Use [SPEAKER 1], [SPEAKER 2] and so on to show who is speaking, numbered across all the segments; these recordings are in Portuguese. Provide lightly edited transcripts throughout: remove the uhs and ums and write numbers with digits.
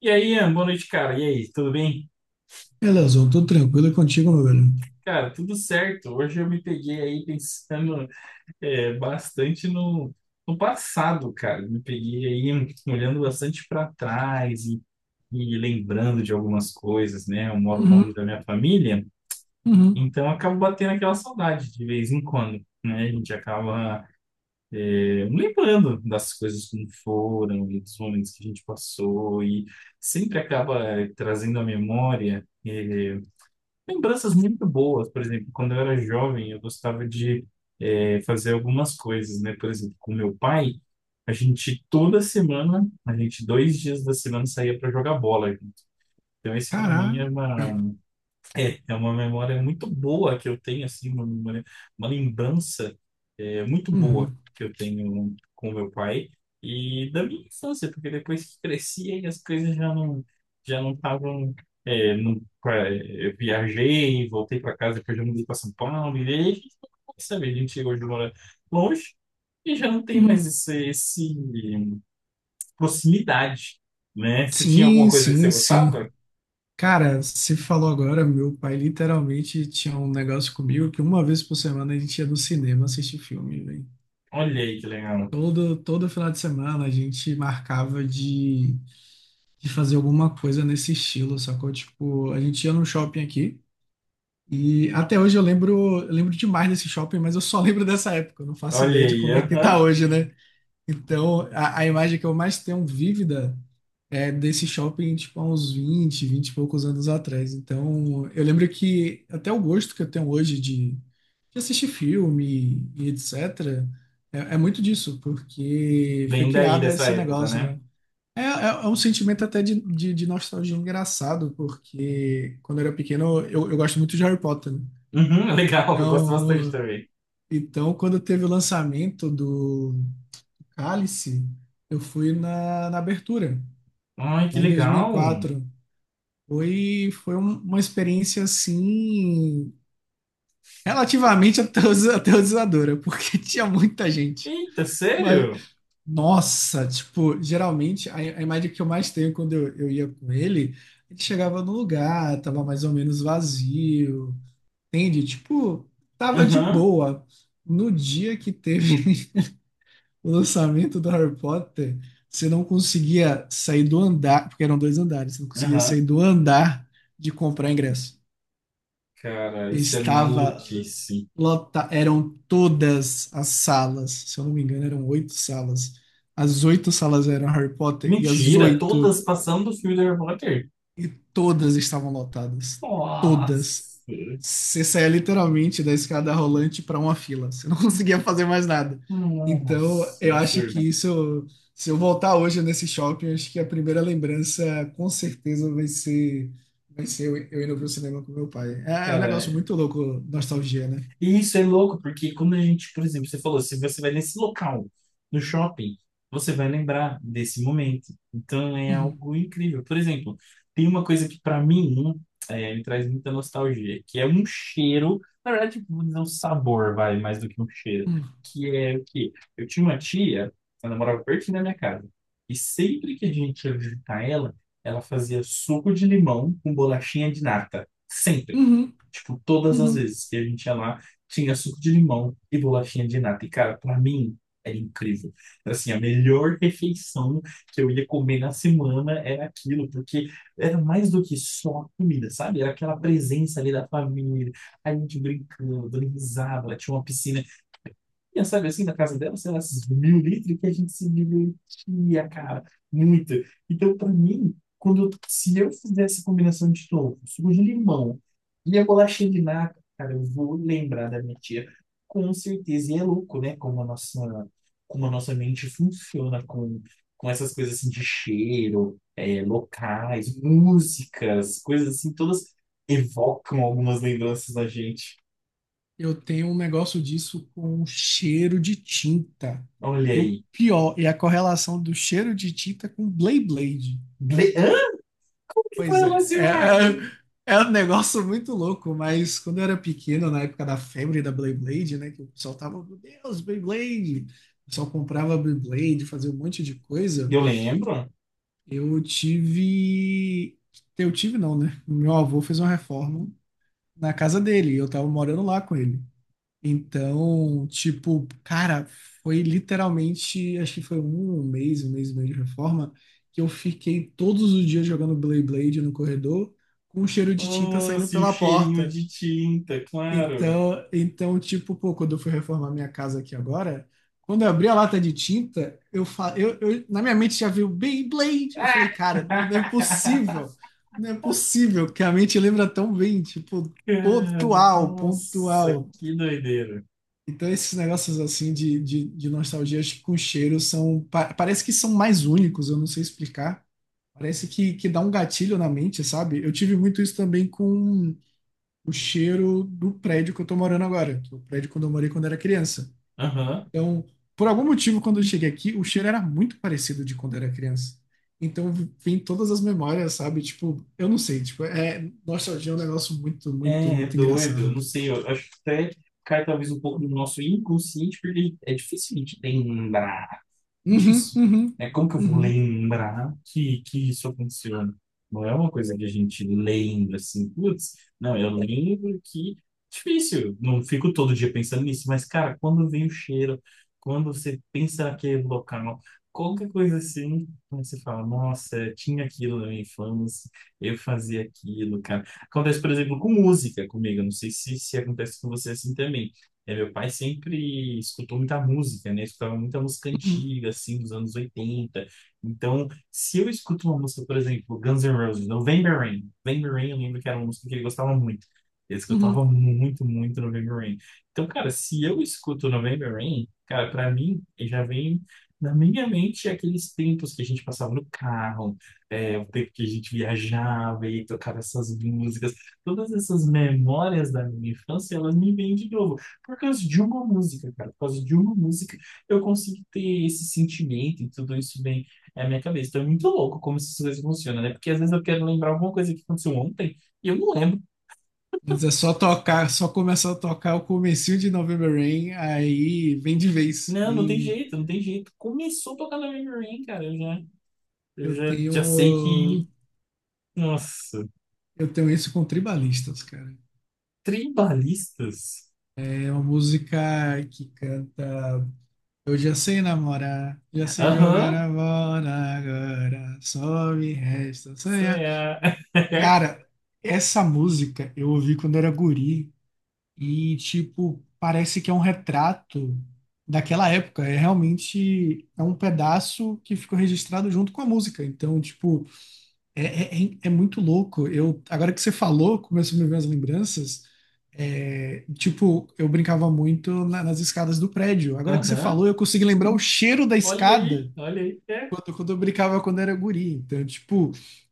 [SPEAKER 1] E aí, Ian, boa noite, cara. E aí, tudo bem?
[SPEAKER 2] Beleza, tudo tranquilo e contigo, meu velho.
[SPEAKER 1] Cara, tudo certo. Hoje eu me peguei aí pensando bastante no passado, cara. Me peguei aí olhando bastante para trás e lembrando de algumas coisas, né? Eu moro
[SPEAKER 2] Uhum,
[SPEAKER 1] longe da minha família,
[SPEAKER 2] uhum.
[SPEAKER 1] então eu acabo batendo aquela saudade de vez em quando, né? A gente acaba lembrando das coisas como foram e dos momentos que a gente passou e sempre acaba trazendo à memória. Lembranças muito boas, por exemplo, quando eu era jovem, eu gostava de fazer algumas coisas, né? Por exemplo, com meu pai, a gente toda semana, a gente 2 dias da semana saía para jogar bola junto. Então, esse para mim
[SPEAKER 2] Caraca.
[SPEAKER 1] é uma é uma memória muito boa que eu tenho, assim, uma memória, uma lembrança muito boa
[SPEAKER 2] Uhum,
[SPEAKER 1] que eu tenho com meu pai e da minha infância, porque depois que cresci, aí as coisas já não estavam. Eu viajei, voltei para casa, depois já mudei para São Paulo, e aí pode a gente hoje mora longe e já não tem
[SPEAKER 2] uhum.
[SPEAKER 1] mais esse proximidade, né? Você tinha alguma
[SPEAKER 2] Sim,
[SPEAKER 1] coisa que você
[SPEAKER 2] sim, sim.
[SPEAKER 1] gostava?
[SPEAKER 2] Cara, você falou agora, meu pai literalmente tinha um negócio comigo que uma vez por semana a gente ia no cinema assistir filme, velho.
[SPEAKER 1] Olha aí que legal.
[SPEAKER 2] Todo final de semana a gente marcava de fazer alguma coisa nesse estilo, sacou? Tipo, a gente ia num shopping aqui e até hoje eu lembro demais desse shopping, mas eu só lembro dessa época, eu não faço ideia
[SPEAKER 1] Olha
[SPEAKER 2] de
[SPEAKER 1] aí,
[SPEAKER 2] como é que
[SPEAKER 1] aham.
[SPEAKER 2] tá hoje, né? Então, a imagem que eu mais tenho vívida é desse shopping, tipo, há uns 20 e poucos anos atrás. Então, eu lembro que até o gosto que eu tenho hoje de assistir filme e etc., é muito disso, porque foi
[SPEAKER 1] Bem daí
[SPEAKER 2] criado
[SPEAKER 1] dessa
[SPEAKER 2] esse
[SPEAKER 1] época,
[SPEAKER 2] negócio,
[SPEAKER 1] né?
[SPEAKER 2] né? É um sentimento até de nostalgia engraçado, porque quando eu era pequeno, eu gosto muito de Harry Potter, né?
[SPEAKER 1] Uhum, legal, eu gosto bastante
[SPEAKER 2] Então,
[SPEAKER 1] também.
[SPEAKER 2] então, quando teve o lançamento do Cálice, eu fui na abertura,
[SPEAKER 1] Ai, que
[SPEAKER 2] lá em dois mil e
[SPEAKER 1] legal!
[SPEAKER 2] quatro. Foi uma experiência, assim, relativamente aterrorizadora, porque tinha muita gente.
[SPEAKER 1] Eita,
[SPEAKER 2] Mas,
[SPEAKER 1] sério?
[SPEAKER 2] nossa, tipo, geralmente, a imagem que eu mais tenho quando eu ia com ele, ele chegava no lugar, tava mais ou menos vazio, entende? Tipo, tava de
[SPEAKER 1] Aham,
[SPEAKER 2] boa. No dia que teve o lançamento do Harry Potter, você não conseguia sair do andar, porque eram dois andares, você não conseguia sair
[SPEAKER 1] aham.
[SPEAKER 2] do andar de comprar ingresso.
[SPEAKER 1] Cara, isso é
[SPEAKER 2] Estava
[SPEAKER 1] maluquice.
[SPEAKER 2] lota, eram todas as salas, se eu não me engano, eram oito salas. As oito salas eram Harry Potter e as
[SPEAKER 1] Mentira,
[SPEAKER 2] oito,
[SPEAKER 1] todas passando do filme do Harry Potter.
[SPEAKER 2] e todas estavam lotadas. Todas.
[SPEAKER 1] Nossa,
[SPEAKER 2] Você saía literalmente da escada rolante para uma fila. Você não conseguia fazer mais nada. Então,
[SPEAKER 1] nossa,
[SPEAKER 2] eu acho
[SPEAKER 1] absurdo.
[SPEAKER 2] que isso, se eu voltar hoje nesse shopping, eu acho que a primeira lembrança com certeza vai ser, vai ser eu indo pro cinema com meu pai. É um negócio
[SPEAKER 1] Cara,
[SPEAKER 2] muito louco, nostalgia, né?
[SPEAKER 1] e isso é louco, porque quando a gente, por exemplo, você falou, se você vai nesse local, no shopping, você vai lembrar desse momento. Então é
[SPEAKER 2] Uhum,
[SPEAKER 1] algo incrível. Por exemplo, tem uma coisa que para mim me traz muita nostalgia, que é um cheiro, na verdade, vou dizer um sabor, vai, mais do que um cheiro,
[SPEAKER 2] uhum,
[SPEAKER 1] que é o quê? Eu tinha uma tia, ela morava pertinho da minha casa, e sempre que a gente ia visitar ela, ela fazia suco de limão com bolachinha de nata. Sempre.
[SPEAKER 2] uhum,
[SPEAKER 1] Tipo, todas as
[SPEAKER 2] uhum.
[SPEAKER 1] vezes que a gente ia lá, tinha suco de limão e bolachinha de nata. E, cara, pra mim, era incrível. Assim, a melhor refeição que eu ia comer na semana era aquilo, porque era mais do que só a comida, sabe? Era aquela presença ali da família, a gente brincando, dando risada, lá tinha uma piscina. E eu sabe assim, na casa dela, sei lá, esses mil litros que a gente se divertia, cara, muito. Então, pra mim, se eu fizesse combinação de tofu, suco de limão e a bolachinha de nata cara, eu vou lembrar da minha tia, com certeza. E é louco, né? Como a nossa mente funciona com essas coisas assim de cheiro, locais, músicas, coisas assim, todas evocam algumas lembranças da gente.
[SPEAKER 2] Eu tenho um negócio disso com cheiro de tinta.
[SPEAKER 1] Olha
[SPEAKER 2] E o
[SPEAKER 1] aí.
[SPEAKER 2] pior é a correlação do cheiro de tinta com Beyblade.
[SPEAKER 1] Hã? Que foi
[SPEAKER 2] Pois é,
[SPEAKER 1] relacionado.
[SPEAKER 2] é um negócio muito louco, mas quando eu era pequeno, na época da febre da Beyblade, né, que o pessoal tava, meu Deus, Beyblade! O pessoal comprava Beyblade, fazia um monte de coisa.
[SPEAKER 1] Eu lembro.
[SPEAKER 2] Eu tive. Eu tive, não, né? Meu avô fez uma reforma na casa dele e eu tava morando lá com ele. Então, tipo, cara, foi literalmente, acho que foi um mês e meio de reforma, que eu fiquei todos os dias jogando Blade Blade no corredor, com um cheiro de tinta
[SPEAKER 1] Ah,
[SPEAKER 2] saindo
[SPEAKER 1] se o
[SPEAKER 2] pela
[SPEAKER 1] cheirinho
[SPEAKER 2] porta.
[SPEAKER 1] de tinta, claro.
[SPEAKER 2] Então, tipo, pô, quando eu fui reformar minha casa aqui agora, quando eu abri a lata de tinta, eu na minha mente já veio Beyblade. Eu falei,
[SPEAKER 1] Ah!
[SPEAKER 2] cara, não é possível, não é possível que a mente lembra tão bem, tipo,
[SPEAKER 1] Cara,
[SPEAKER 2] pontual,
[SPEAKER 1] nossa,
[SPEAKER 2] pontual.
[SPEAKER 1] que doideira.
[SPEAKER 2] Então, esses negócios assim de nostalgias com cheiro são, parece que são mais únicos, eu não sei explicar. Parece que dá um gatilho na mente, sabe? Eu tive muito isso também com o cheiro do prédio que eu tô morando agora, que é o prédio quando eu morei quando era criança.
[SPEAKER 1] Aham.
[SPEAKER 2] Então, por algum motivo, quando eu cheguei aqui, o cheiro era muito parecido de quando era criança. Então, vem todas as memórias, sabe? Tipo, eu não sei, tipo, é, nostalgia é um negócio muito, muito,
[SPEAKER 1] É
[SPEAKER 2] muito
[SPEAKER 1] doido. Eu
[SPEAKER 2] engraçado.
[SPEAKER 1] não sei, eu acho que até cai talvez um pouco do nosso inconsciente, porque é difícil a gente lembrar.
[SPEAKER 2] Uhum,
[SPEAKER 1] disso,
[SPEAKER 2] uhum,
[SPEAKER 1] né? Como que eu vou
[SPEAKER 2] uhum,
[SPEAKER 1] lembrar que isso aconteceu? Não é uma coisa que a gente lembra assim, putz, não, eu lembro que difícil, não fico todo dia pensando nisso, mas cara, quando vem o cheiro, quando você pensa naquele local, qualquer coisa assim, você fala, nossa, eu tinha aquilo na minha infância, eu fazia aquilo, cara. Acontece, por exemplo, com música comigo, eu não sei se acontece com você assim também. É, meu pai sempre escutou muita música, né? Escutava muita música
[SPEAKER 2] uhum,
[SPEAKER 1] antiga, assim, dos anos 80. Então, se eu escuto uma música, por exemplo, Guns N' Roses, November Rain. November Rain, eu lembro que era uma música que ele gostava muito. Ele
[SPEAKER 2] uhum.
[SPEAKER 1] escutava muito, muito November Rain. Então, cara, se eu escuto November Rain, cara, pra mim, ele já vem na minha mente aqueles tempos que a gente passava no carro, o tempo que a gente viajava e tocava essas músicas. Todas essas memórias da minha infância, elas me vêm de novo. Por causa de uma música, cara. Por causa de uma música, eu consigo ter esse sentimento e tudo isso vem na minha cabeça. Então é muito louco como essas coisas funcionam, né? Porque às vezes eu quero lembrar alguma coisa que aconteceu ontem e eu não lembro.
[SPEAKER 2] Mas é só tocar, só começar a tocar o comecinho de November Rain, aí vem de vez.
[SPEAKER 1] Não, não tem
[SPEAKER 2] Vem.
[SPEAKER 1] jeito, não tem jeito. Começou a tocar na Memory Lane, cara. Eu já, eu
[SPEAKER 2] Eu
[SPEAKER 1] já, já sei
[SPEAKER 2] tenho
[SPEAKER 1] que. Nossa,
[SPEAKER 2] eu tenho isso com tribalistas, cara.
[SPEAKER 1] tribalistas?
[SPEAKER 2] É uma música que canta: "Eu já sei namorar, já sei jogar
[SPEAKER 1] Aham,
[SPEAKER 2] a bola, agora só me resta
[SPEAKER 1] isso
[SPEAKER 2] sonhar".
[SPEAKER 1] é.
[SPEAKER 2] Cara, essa música eu ouvi quando era guri. E, tipo, parece que é um retrato daquela época. Realmente é um pedaço que ficou registrado junto com a música. Então, tipo, é muito louco. Eu, agora que você falou, começou a me ver as lembranças. É, tipo, eu brincava muito nas escadas do prédio. Agora que você
[SPEAKER 1] Aham,
[SPEAKER 2] falou, eu consegui lembrar o cheiro da
[SPEAKER 1] olha aí,
[SPEAKER 2] escada
[SPEAKER 1] olha aí. É.
[SPEAKER 2] quando eu brincava quando era guri. Então, tipo,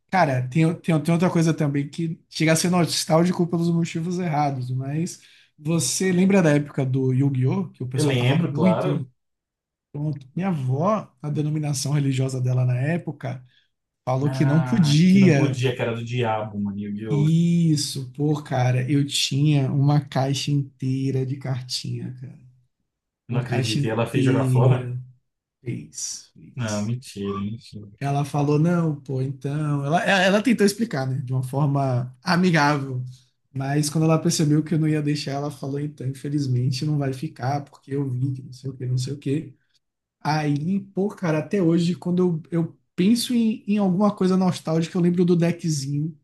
[SPEAKER 2] cara, tem outra coisa também que chega a ser nostálgico pelos motivos errados, mas você lembra da época do Yu-Gi-Oh? Que o
[SPEAKER 1] Eu
[SPEAKER 2] pessoal tava
[SPEAKER 1] lembro, claro.
[SPEAKER 2] muito pronto. Minha avó, a denominação religiosa dela na época, falou que não
[SPEAKER 1] Ah, que não
[SPEAKER 2] podia.
[SPEAKER 1] podia, que era do diabo, mano. Yu-Gi-Oh!
[SPEAKER 2] Isso, pô, cara, eu tinha uma caixa inteira de cartinha, cara.
[SPEAKER 1] Não
[SPEAKER 2] Uma caixa
[SPEAKER 1] acredito. E ela fez jogar fora?
[SPEAKER 2] inteira. Fez,
[SPEAKER 1] Não,
[SPEAKER 2] fez.
[SPEAKER 1] mentira, mentira.
[SPEAKER 2] Ela falou, não, pô, então. Ela tentou explicar, né? De uma forma amigável. Mas quando ela percebeu que eu não ia deixar, ela falou, então, infelizmente não vai ficar, porque eu vi que não sei o que, não sei o que. Aí, pô, cara, até hoje, quando eu penso em alguma coisa nostálgica, eu lembro do deckzinho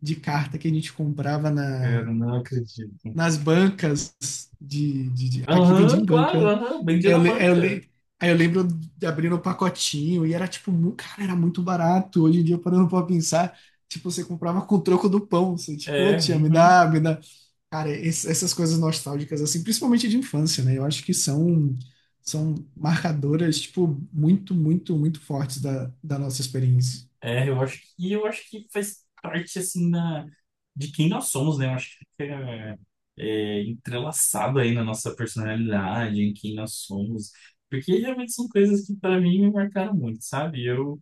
[SPEAKER 2] de carta que a gente comprava
[SPEAKER 1] Cara,
[SPEAKER 2] na,
[SPEAKER 1] não acredito.
[SPEAKER 2] nas bancas aqui vendia
[SPEAKER 1] Aham,
[SPEAKER 2] em
[SPEAKER 1] claro,
[SPEAKER 2] banca.
[SPEAKER 1] aham, bem dia
[SPEAKER 2] Eu,
[SPEAKER 1] na
[SPEAKER 2] le- eu,
[SPEAKER 1] banca.
[SPEAKER 2] le- aí eu lembro de abrir o pacotinho e era tipo, cara, era muito barato. Hoje em dia, parando pra pensar, tipo, você comprava com o troco do pão. Você, tipo, "Ô,
[SPEAKER 1] É,
[SPEAKER 2] tia, me
[SPEAKER 1] uhum.
[SPEAKER 2] dá, me dá". Cara, essas coisas nostálgicas, assim, principalmente de infância, né? Eu acho que são, marcadoras, tipo, muito, muito, muito fortes da nossa experiência.
[SPEAKER 1] É, eu acho que faz parte assim da, de quem nós somos, né? Eu acho que é entrelaçado aí na nossa personalidade, em quem nós somos. Porque realmente são coisas que para mim me marcaram muito, sabe? Eu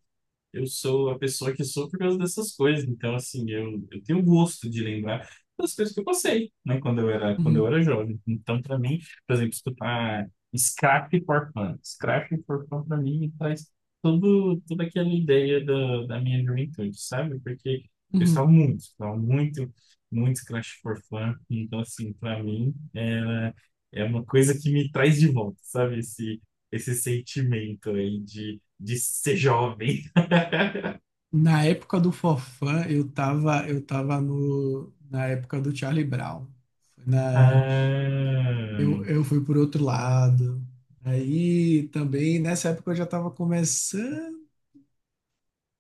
[SPEAKER 1] Eu sou a pessoa que sou por causa dessas coisas. Então, assim, eu tenho gosto de lembrar das coisas que eu passei, né? Quando eu era, quando eu
[SPEAKER 2] Uhum,
[SPEAKER 1] era jovem. Então, para mim, por exemplo, escutar Scrap for Fun. Scrap for Fun, para mim, traz todo, toda aquela ideia da minha juventude, sabe? Porque eu
[SPEAKER 2] uhum.
[SPEAKER 1] estava muito, muito Scrap for Fun. Então, assim, para mim, era, é uma coisa que me traz de volta, sabe? Esse sentimento aí de ser jovem.
[SPEAKER 2] Na época do Forfã, eu tava no, na época do Charlie Brown. Foi Na,
[SPEAKER 1] Ah,
[SPEAKER 2] eu fui por outro lado. Aí também, nessa época, eu já estava começando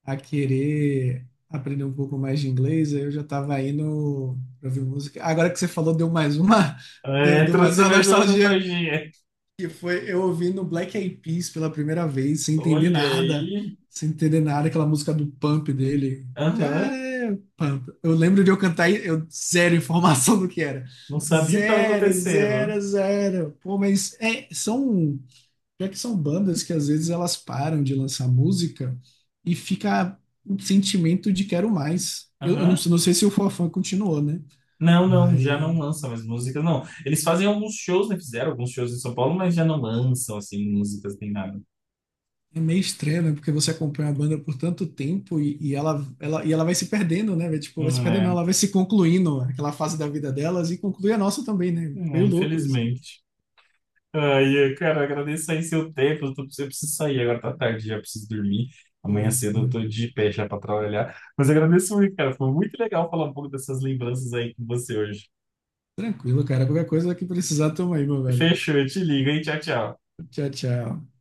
[SPEAKER 2] a querer aprender um pouco mais de inglês, aí eu já estava indo para ouvir música. Agora que você falou, deu mais uma, deu,
[SPEAKER 1] é,
[SPEAKER 2] deu mais
[SPEAKER 1] trouxe
[SPEAKER 2] uma
[SPEAKER 1] mais uma
[SPEAKER 2] nostalgia,
[SPEAKER 1] nostalgia.
[SPEAKER 2] que foi eu ouvindo Black Eyed Peas pela primeira vez, sem entender
[SPEAKER 1] Olha
[SPEAKER 2] nada,
[SPEAKER 1] aí.
[SPEAKER 2] sem entender nada, aquela música do Pump dele. Já
[SPEAKER 1] Aham.
[SPEAKER 2] é Pump. Eu lembro de eu cantar e eu zero informação do que era.
[SPEAKER 1] Não sabia o que estava
[SPEAKER 2] Zero,
[SPEAKER 1] acontecendo.
[SPEAKER 2] zero, zero. Pô, mas é, são, já que são bandas que às vezes elas param de lançar música e fica um sentimento de quero mais. Eu não,
[SPEAKER 1] Aham.
[SPEAKER 2] não sei se o Fofão continuou, né?
[SPEAKER 1] Não, não, já
[SPEAKER 2] Mas
[SPEAKER 1] não lançam mais músicas, não. Eles fazem alguns shows, né? Fizeram alguns shows em São Paulo, mas já não lançam, assim, músicas nem nada.
[SPEAKER 2] é meio estranho, né? Porque você acompanha a banda por tanto tempo e ela vai se perdendo, né? Vai, tipo, vai se perdendo, não,
[SPEAKER 1] É.
[SPEAKER 2] ela vai se concluindo aquela fase da vida delas e conclui a nossa também, né?
[SPEAKER 1] É,
[SPEAKER 2] Meio louco isso.
[SPEAKER 1] infelizmente. Ai, cara, agradeço aí seu tempo. Eu preciso sair agora, tá tarde, já preciso dormir. Amanhã
[SPEAKER 2] Porra,
[SPEAKER 1] cedo eu tô
[SPEAKER 2] cara.
[SPEAKER 1] de pé já pra trabalhar. Mas eu agradeço muito, cara. Foi muito legal falar um pouco dessas lembranças aí com você hoje.
[SPEAKER 2] Tranquilo, cara. Qualquer coisa que precisar, tamo aí, meu velho.
[SPEAKER 1] Fechou, eu te ligo, hein? Tchau, tchau.
[SPEAKER 2] Tchau, tchau.